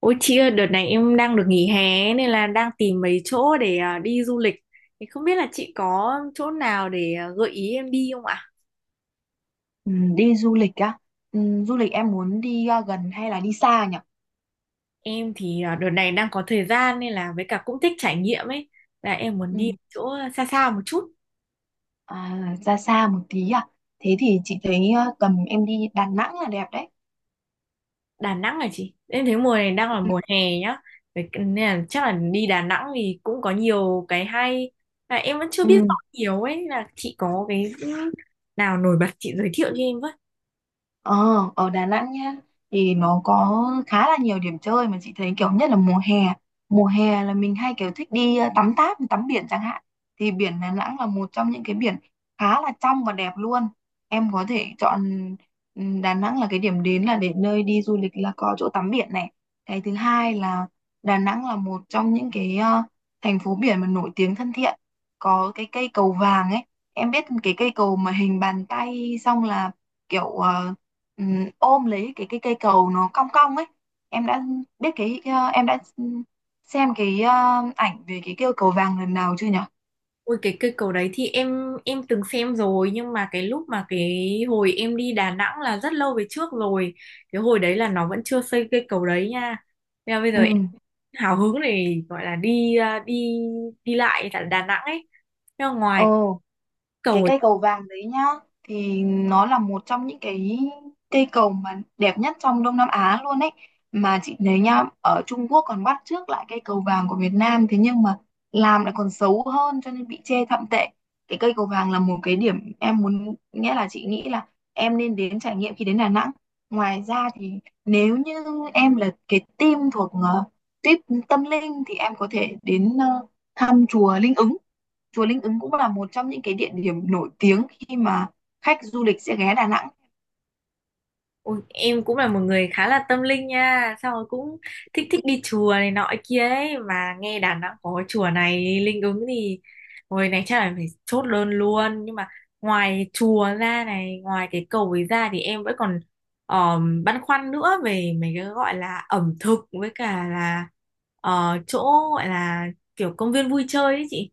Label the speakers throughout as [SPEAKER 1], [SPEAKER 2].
[SPEAKER 1] Ôi chị ơi, đợt này em đang được nghỉ hè nên là đang tìm mấy chỗ để đi du lịch. Thì không biết là chị có chỗ nào để gợi ý em đi không ạ?
[SPEAKER 2] Ừ, đi du lịch á. Du lịch em muốn đi gần hay là đi xa nhỉ?
[SPEAKER 1] Em thì đợt này đang có thời gian nên là với cả cũng thích trải nghiệm ấy. Là em muốn
[SPEAKER 2] Ừ.
[SPEAKER 1] đi chỗ xa xa một chút.
[SPEAKER 2] À, ra xa một tí à? Thế thì chị thấy tầm em đi Đà Nẵng là đẹp đấy.
[SPEAKER 1] Đà Nẵng là chị. Em thấy mùa này đang là
[SPEAKER 2] Ừ.
[SPEAKER 1] mùa hè nhá. Vậy nên là chắc là đi Đà Nẵng thì cũng có nhiều cái hay. Là em vẫn chưa biết rõ
[SPEAKER 2] Ừ.
[SPEAKER 1] nhiều ấy. Là chị có cái nào nổi bật chị giới thiệu cho em với.
[SPEAKER 2] Ờ, ở Đà Nẵng nhá, thì nó có khá là nhiều điểm chơi mà chị thấy kiểu nhất là mùa hè. Mùa hè là mình hay kiểu thích đi tắm táp, tắm biển chẳng hạn. Thì biển Đà Nẵng là một trong những cái biển khá là trong và đẹp luôn. Em có thể chọn Đà Nẵng là cái điểm đến, là để nơi đi du lịch là có chỗ tắm biển này. Cái thứ hai là Đà Nẵng là một trong những cái thành phố biển mà nổi tiếng thân thiện. Có cái cây cầu vàng ấy. Em biết cái cây cầu mà hình bàn tay, xong là kiểu ôm lấy cái cây cầu nó cong cong ấy. Em đã biết cái ờ, Em đã xem cái ảnh về cái cây cầu vàng lần nào chưa nhỉ?
[SPEAKER 1] Ôi cái cây cầu đấy thì em từng xem rồi, nhưng mà cái lúc mà cái hồi em đi Đà Nẵng là rất lâu về trước rồi. Cái hồi đấy là nó vẫn chưa xây cây cầu đấy nha. Nên là bây giờ
[SPEAKER 2] Ừ.
[SPEAKER 1] em hào hứng để gọi là đi đi đi lại tại Đà Nẵng ấy. Nhưng mà ngoài
[SPEAKER 2] Ồ, cái
[SPEAKER 1] cầu.
[SPEAKER 2] cây cầu vàng đấy nhá, thì nó là một trong những cái cây cầu mà đẹp nhất trong Đông Nam Á luôn ấy. Mà chị thấy nhá, ở Trung Quốc còn bắt chước lại cây cầu vàng của Việt Nam, thế nhưng mà làm lại còn xấu hơn cho nên bị chê thậm tệ. Cái cây cầu vàng là một cái điểm em muốn, nghĩa là chị nghĩ là em nên đến trải nghiệm khi đến Đà Nẵng. Ngoài ra thì nếu như em là cái team thuộc tuyết tâm linh thì em có thể đến thăm chùa Linh Ứng. Chùa Linh Ứng cũng là một trong những cái địa điểm nổi tiếng khi mà khách du lịch sẽ ghé Đà Nẵng.
[SPEAKER 1] Ôi, em cũng là một người khá là tâm linh nha. Xong rồi cũng thích thích đi chùa này nọ kia ấy. Mà nghe Đà Nẵng có chùa này linh ứng thì hồi này chắc là phải chốt đơn luôn. Nhưng mà ngoài chùa ra này, ngoài cái cầu ấy ra, thì em vẫn còn băn khoăn nữa. Về mấy cái gọi là ẩm thực, với cả là chỗ gọi là kiểu công viên vui chơi ấy chị.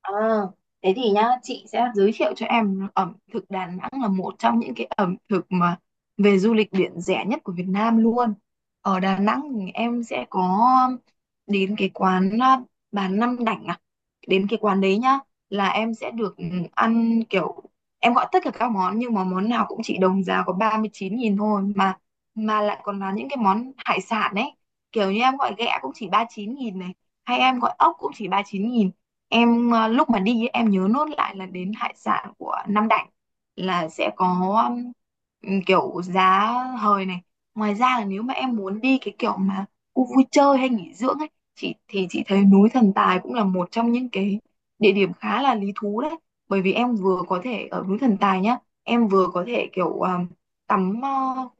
[SPEAKER 2] Ờ, thế thì nhá, chị sẽ giới thiệu cho em ẩm thực Đà Nẵng là một trong những cái ẩm thực mà về du lịch biển rẻ nhất của Việt Nam luôn. Ở Đà Nẵng thì em sẽ có đến cái quán bà Năm Đảnh à. Đến cái quán đấy nhá, là em sẽ được ăn kiểu em gọi tất cả các món nhưng mà món nào cũng chỉ đồng giá có 39.000 thôi, mà lại còn là những cái món hải sản ấy. Kiểu như em gọi ghẹ cũng chỉ 39.000 này, hay em gọi ốc cũng chỉ 39.000. Em lúc mà đi ấy, em nhớ nốt lại là đến hải sản của Nam Định là sẽ có kiểu giá hời này. Ngoài ra là nếu mà em muốn đi cái kiểu mà khu vui chơi hay nghỉ dưỡng ấy, chị thấy núi Thần Tài cũng là một trong những cái địa điểm khá là lý thú đấy. Bởi vì em vừa có thể ở núi Thần Tài nhá, em vừa có thể kiểu tắm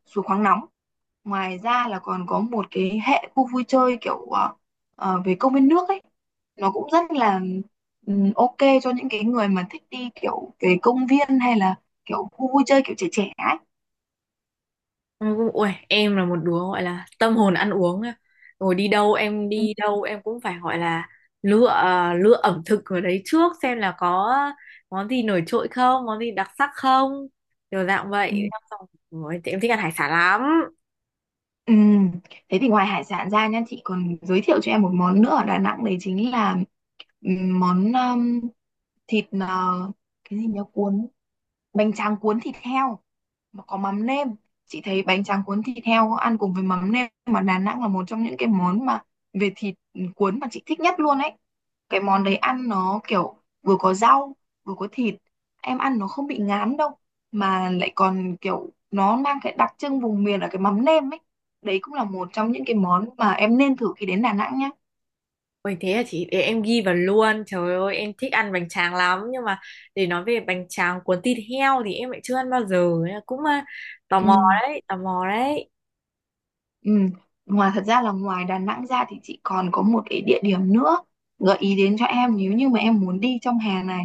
[SPEAKER 2] suối khoáng nóng. Ngoài ra là còn có một cái hệ khu vui chơi kiểu về công viên nước ấy. Nó cũng rất là ok cho những cái người mà thích đi kiểu về công viên hay là kiểu khu vui chơi kiểu trẻ trẻ ấy.
[SPEAKER 1] Ui, em là một đứa gọi là tâm hồn ăn uống á. Rồi
[SPEAKER 2] Ừ.
[SPEAKER 1] đi đâu em cũng phải gọi là lựa lựa ẩm thực ở đấy trước, xem là có món gì nổi trội không, món gì đặc sắc không. Kiểu dạng
[SPEAKER 2] Ừ.
[SPEAKER 1] vậy. Xong rồi, ôi, thì em thích ăn hải sản lắm.
[SPEAKER 2] Ừ. Thế thì ngoài hải sản ra nha, chị còn giới thiệu cho em một món nữa ở Đà Nẵng đấy chính là món thịt cái gì nhỉ, cuốn bánh tráng cuốn thịt heo. Mà có mắm nêm. Chị thấy bánh tráng cuốn thịt heo ăn cùng với mắm nêm mà Đà Nẵng là một trong những cái món mà về thịt cuốn mà chị thích nhất luôn ấy. Cái món đấy ăn nó kiểu vừa có rau vừa có thịt, em ăn nó không bị ngán đâu, mà lại còn kiểu nó mang cái đặc trưng vùng miền ở cái mắm nêm ấy. Đấy cũng là một trong những cái món mà em nên thử khi đến Đà Nẵng nhá.
[SPEAKER 1] Ôi thế là chị để em ghi vào luôn. Trời ơi em thích ăn bánh tráng lắm, nhưng mà để nói về bánh tráng cuốn thịt heo thì em lại chưa ăn bao giờ. Nên là cũng tò
[SPEAKER 2] Ừ.
[SPEAKER 1] mò đấy, tò mò đấy.
[SPEAKER 2] Ừ. Thật ra là ngoài Đà Nẵng ra thì chị còn có một cái địa điểm nữa gợi ý đến cho em nếu như mà em muốn đi trong hè này.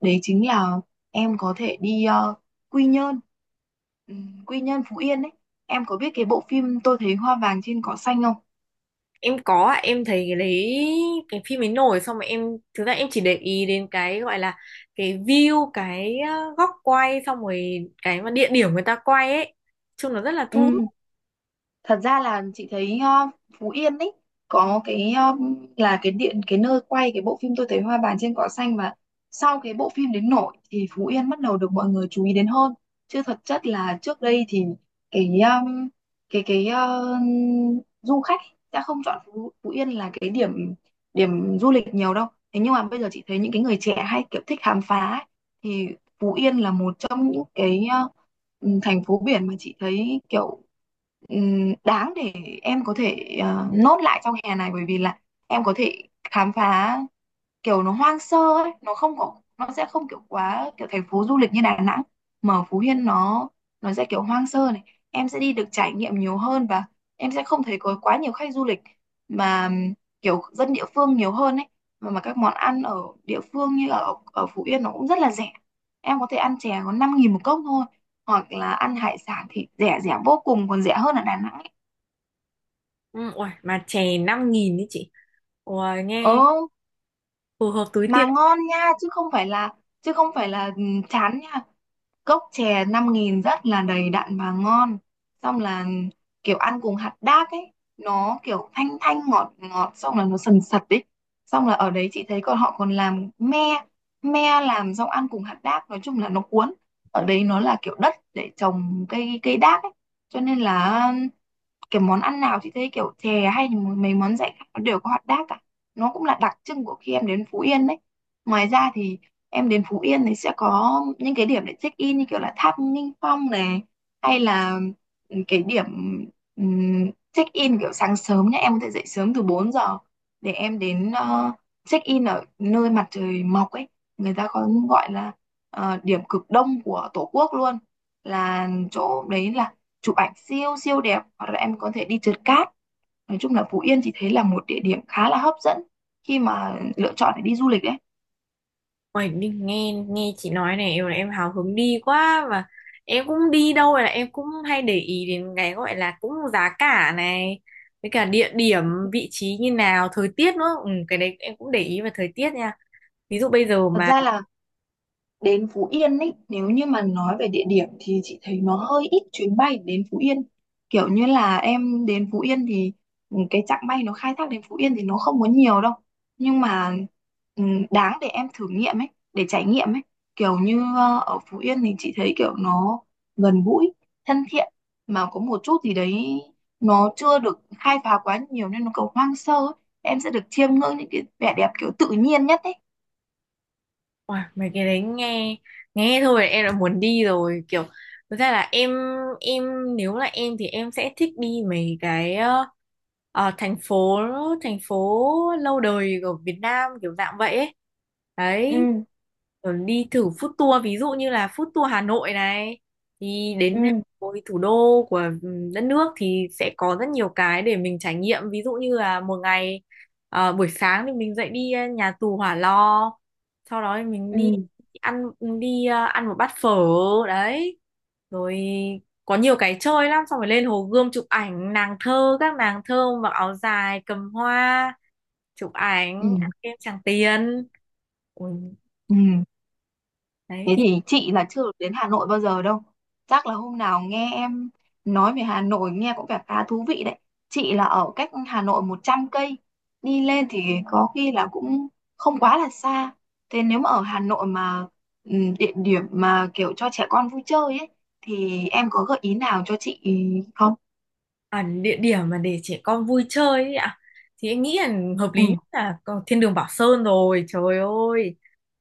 [SPEAKER 2] Đấy chính là em có thể đi Quy Nhơn, ừ, Quy Nhơn Phú Yên ấy. Em có biết cái bộ phim Tôi thấy hoa vàng trên cỏ xanh không?
[SPEAKER 1] Em có ạ, em thấy cái đấy, cái phim ấy nổi, xong mà em thực ra em chỉ để ý đến cái gọi là cái view, cái góc quay, xong rồi cái mà địa điểm người ta quay ấy, chung nó rất là thu hút.
[SPEAKER 2] Ừ, thật ra là chị thấy Phú Yên ấy có cái ờ, là cái điện cái nơi quay cái bộ phim Tôi thấy hoa vàng trên cỏ xanh. Mà sau cái bộ phim đến nổi thì Phú Yên bắt đầu được mọi người chú ý đến hơn, chứ thật chất là trước đây thì cái um, cái cái ờ, du khách đã không chọn Phú Yên là cái điểm điểm du lịch nhiều đâu. Thế nhưng mà bây giờ chị thấy những cái người trẻ hay kiểu thích khám phá ấy, thì Phú Yên là một trong những cái thành phố biển mà chị thấy kiểu đáng để em có thể nốt lại trong hè này. Bởi vì là em có thể khám phá kiểu nó hoang sơ ấy. Nó sẽ không kiểu quá kiểu thành phố du lịch như Đà Nẵng, mà ở Phú Yên nó sẽ kiểu hoang sơ này. Em sẽ đi được trải nghiệm nhiều hơn và em sẽ không thấy có quá nhiều khách du lịch mà kiểu dân địa phương nhiều hơn ấy. Mà các món ăn ở địa phương như ở ở Phú Yên nó cũng rất là rẻ, em có thể ăn chè có 5.000 một cốc thôi, hoặc là ăn hải sản thì rẻ rẻ vô cùng còn rẻ hơn ở Đà Nẵng ấy.
[SPEAKER 1] Ừ, uầy, mà chè 5.000 đấy chị. Uầy,
[SPEAKER 2] Ồ,
[SPEAKER 1] nghe phù hợp túi
[SPEAKER 2] mà
[SPEAKER 1] tiền.
[SPEAKER 2] ngon nha, chứ không phải là chán nha. Cốc chè 5.000 rất là đầy đặn và ngon, xong là kiểu ăn cùng hạt đác ấy, nó kiểu thanh thanh ngọt ngọt, xong là nó sần sật ấy. Xong là ở đấy chị thấy còn họ còn làm me, me làm xong ăn cùng hạt đác nói chung là nó cuốn. Ở đấy nó là kiểu đất để trồng cây cây đác ấy, cho nên là cái món ăn nào chị thấy kiểu chè hay thì mấy món dạy khác nó đều có hot dog cả. Nó cũng là đặc trưng của khi em đến Phú Yên đấy. Ngoài ra thì em đến Phú Yên thì sẽ có những cái điểm để check in như kiểu là tháp Nghinh Phong này, hay là cái điểm check in kiểu sáng sớm nhé, em có thể dậy sớm từ 4 giờ để em đến check in ở nơi mặt trời mọc ấy. Người ta có gọi là điểm cực đông của Tổ quốc luôn. Là chỗ đấy là chụp ảnh siêu siêu đẹp, hoặc là em có thể đi trượt cát. Nói chung là Phú Yên chị thấy là một địa điểm khá là hấp dẫn khi mà lựa chọn để đi du lịch đấy.
[SPEAKER 1] Uầy, nghe nghe chị nói này, em hào hứng đi quá. Và em cũng đi đâu là em cũng hay để ý đến cái gọi là cũng giá cả này, với cả địa điểm, vị trí như nào, thời tiết nữa. Ừ, cái đấy em cũng để ý về thời tiết nha. Ví dụ bây giờ
[SPEAKER 2] Thật
[SPEAKER 1] mà.
[SPEAKER 2] ra là đến Phú Yên ý, nếu như mà nói về địa điểm thì chị thấy nó hơi ít chuyến bay đến Phú Yên. Kiểu như là em đến Phú Yên thì cái chặng bay nó khai thác đến Phú Yên thì nó không có nhiều đâu. Nhưng mà đáng để em thử nghiệm ấy, để trải nghiệm ấy. Kiểu như ở Phú Yên thì chị thấy kiểu nó gần gũi, thân thiện, mà có một chút gì đấy nó chưa được khai phá quá nhiều nên nó còn hoang sơ ấy. Em sẽ được chiêm ngưỡng những cái vẻ đẹp kiểu tự nhiên nhất ấy.
[SPEAKER 1] Ôi, mấy cái đấy nghe nghe thôi em đã muốn đi rồi, kiểu thực ra là em nếu là em thì em sẽ thích đi mấy cái ờ, thành phố thành phố lâu đời của Việt Nam kiểu dạng vậy ấy đấy.
[SPEAKER 2] Ừ.
[SPEAKER 1] Rồi đi thử food tour, ví dụ như là food tour Hà Nội này, thì
[SPEAKER 2] ừ
[SPEAKER 1] đến với thủ đô của đất nước thì sẽ có rất nhiều cái để mình trải nghiệm. Ví dụ như là một ngày buổi sáng thì mình dậy đi nhà tù Hỏa Lò, sau đó thì mình
[SPEAKER 2] Ừ.
[SPEAKER 1] ăn đi ăn một bát phở đấy, rồi có nhiều cái chơi lắm, xong rồi lên Hồ Gươm chụp ảnh nàng thơ, các nàng thơ mặc áo dài cầm hoa chụp ảnh, ăn
[SPEAKER 2] Ừ.
[SPEAKER 1] kem Tràng Tiền. Ui,
[SPEAKER 2] Ừ,
[SPEAKER 1] đấy
[SPEAKER 2] thế
[SPEAKER 1] thì.
[SPEAKER 2] thì chị là chưa được đến Hà Nội bao giờ đâu. Chắc là hôm nào nghe em nói về Hà Nội nghe cũng vẻ khá thú vị đấy. Chị là ở cách Hà Nội 100 cây. Đi lên thì có khi là cũng không quá là xa. Thế nếu mà ở Hà Nội mà ừ, địa điểm mà kiểu cho trẻ con vui chơi ấy thì em có gợi ý nào cho chị không?
[SPEAKER 1] À, địa điểm mà để trẻ con vui chơi ấy ạ, thì em nghĩ là hợp
[SPEAKER 2] Ừ,
[SPEAKER 1] lý nhất là có thiên đường Bảo Sơn. Rồi trời ơi,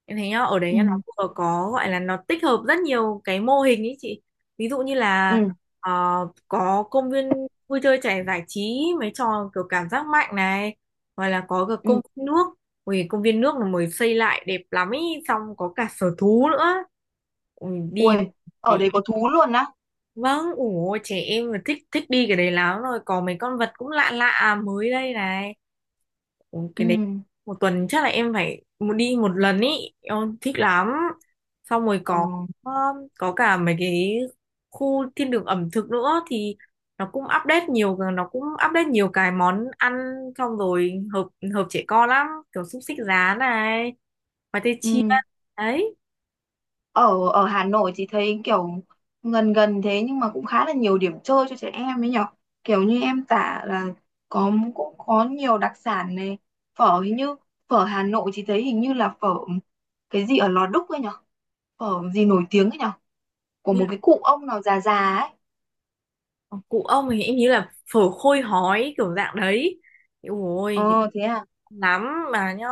[SPEAKER 1] em thấy nhá, ở đấy nhá, nó
[SPEAKER 2] ừ,
[SPEAKER 1] vừa có gọi là nó tích hợp rất nhiều cái mô hình ấy chị. Ví dụ như là
[SPEAKER 2] ừ,
[SPEAKER 1] ờ, có công viên vui chơi trẻ giải trí, mấy trò kiểu cảm giác mạnh này, hoặc là có cả
[SPEAKER 2] ừ.
[SPEAKER 1] công viên nước. Ui, công viên nước là mới xây lại đẹp lắm ý, xong có cả sở thú nữa. Ui, đi
[SPEAKER 2] Ui, ở
[SPEAKER 1] để.
[SPEAKER 2] đấy có thú luôn á.
[SPEAKER 1] Vâng, ủa trẻ em là thích thích đi cái đấy lắm, rồi có mấy con vật cũng lạ lạ mới đây này. Ủa,
[SPEAKER 2] Ừ,
[SPEAKER 1] cái đấy một tuần chắc là em phải một đi một lần ý, em thích lắm. Xong rồi
[SPEAKER 2] ờ,
[SPEAKER 1] um, có cả mấy cái khu thiên đường ẩm thực nữa, thì nó cũng update nhiều cái món ăn, xong rồi hợp hợp trẻ con lắm, kiểu xúc xích rán này, khoai tây chiên.
[SPEAKER 2] ừ.
[SPEAKER 1] Đấy.
[SPEAKER 2] ở ở Hà Nội thì thấy kiểu gần gần, thế nhưng mà cũng khá là nhiều điểm chơi cho trẻ em ấy nhở. Kiểu như em tả là có, cũng có nhiều đặc sản này. Phở, hình như phở Hà Nội thì thấy hình như là phở cái gì ở Lò Đúc ấy nhở, phở gì nổi tiếng ấy nhở, của một cái cụ ông nào già già ấy.
[SPEAKER 1] Ờ, cụ ông thì em nghĩ là phở khôi hói kiểu dạng đấy. Ôi cái
[SPEAKER 2] Ờ, thế à?
[SPEAKER 1] lắm mà nhá,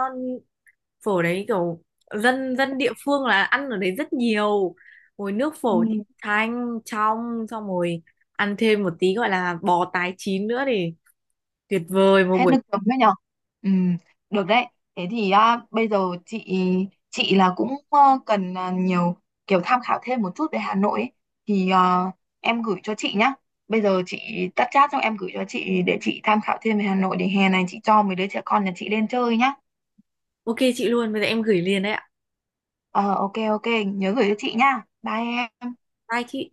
[SPEAKER 1] phở đấy kiểu dân dân địa phương là ăn ở đấy rất nhiều, rồi nước phở
[SPEAKER 2] Ừ.
[SPEAKER 1] thì thanh trong, xong rồi ăn thêm một tí gọi là bò tái chín nữa thì tuyệt vời một
[SPEAKER 2] Hết
[SPEAKER 1] buổi.
[SPEAKER 2] nước chấm đấy nhở. Ừ. Được đấy. Thế thì bây giờ chị chị là cũng cần nhiều kiểu tham khảo thêm một chút về Hà Nội ấy. Thì em gửi cho chị nhá. Bây giờ chị tắt chat xong em gửi cho chị để chị tham khảo thêm về Hà Nội, để hè này chị cho mấy đứa trẻ con nhà chị lên chơi nhá.
[SPEAKER 1] Ok chị luôn, bây giờ em gửi liền đấy ạ.
[SPEAKER 2] Ờ, ok, ok, nhớ gửi cho chị nhá. Bye em.
[SPEAKER 1] Bye chị.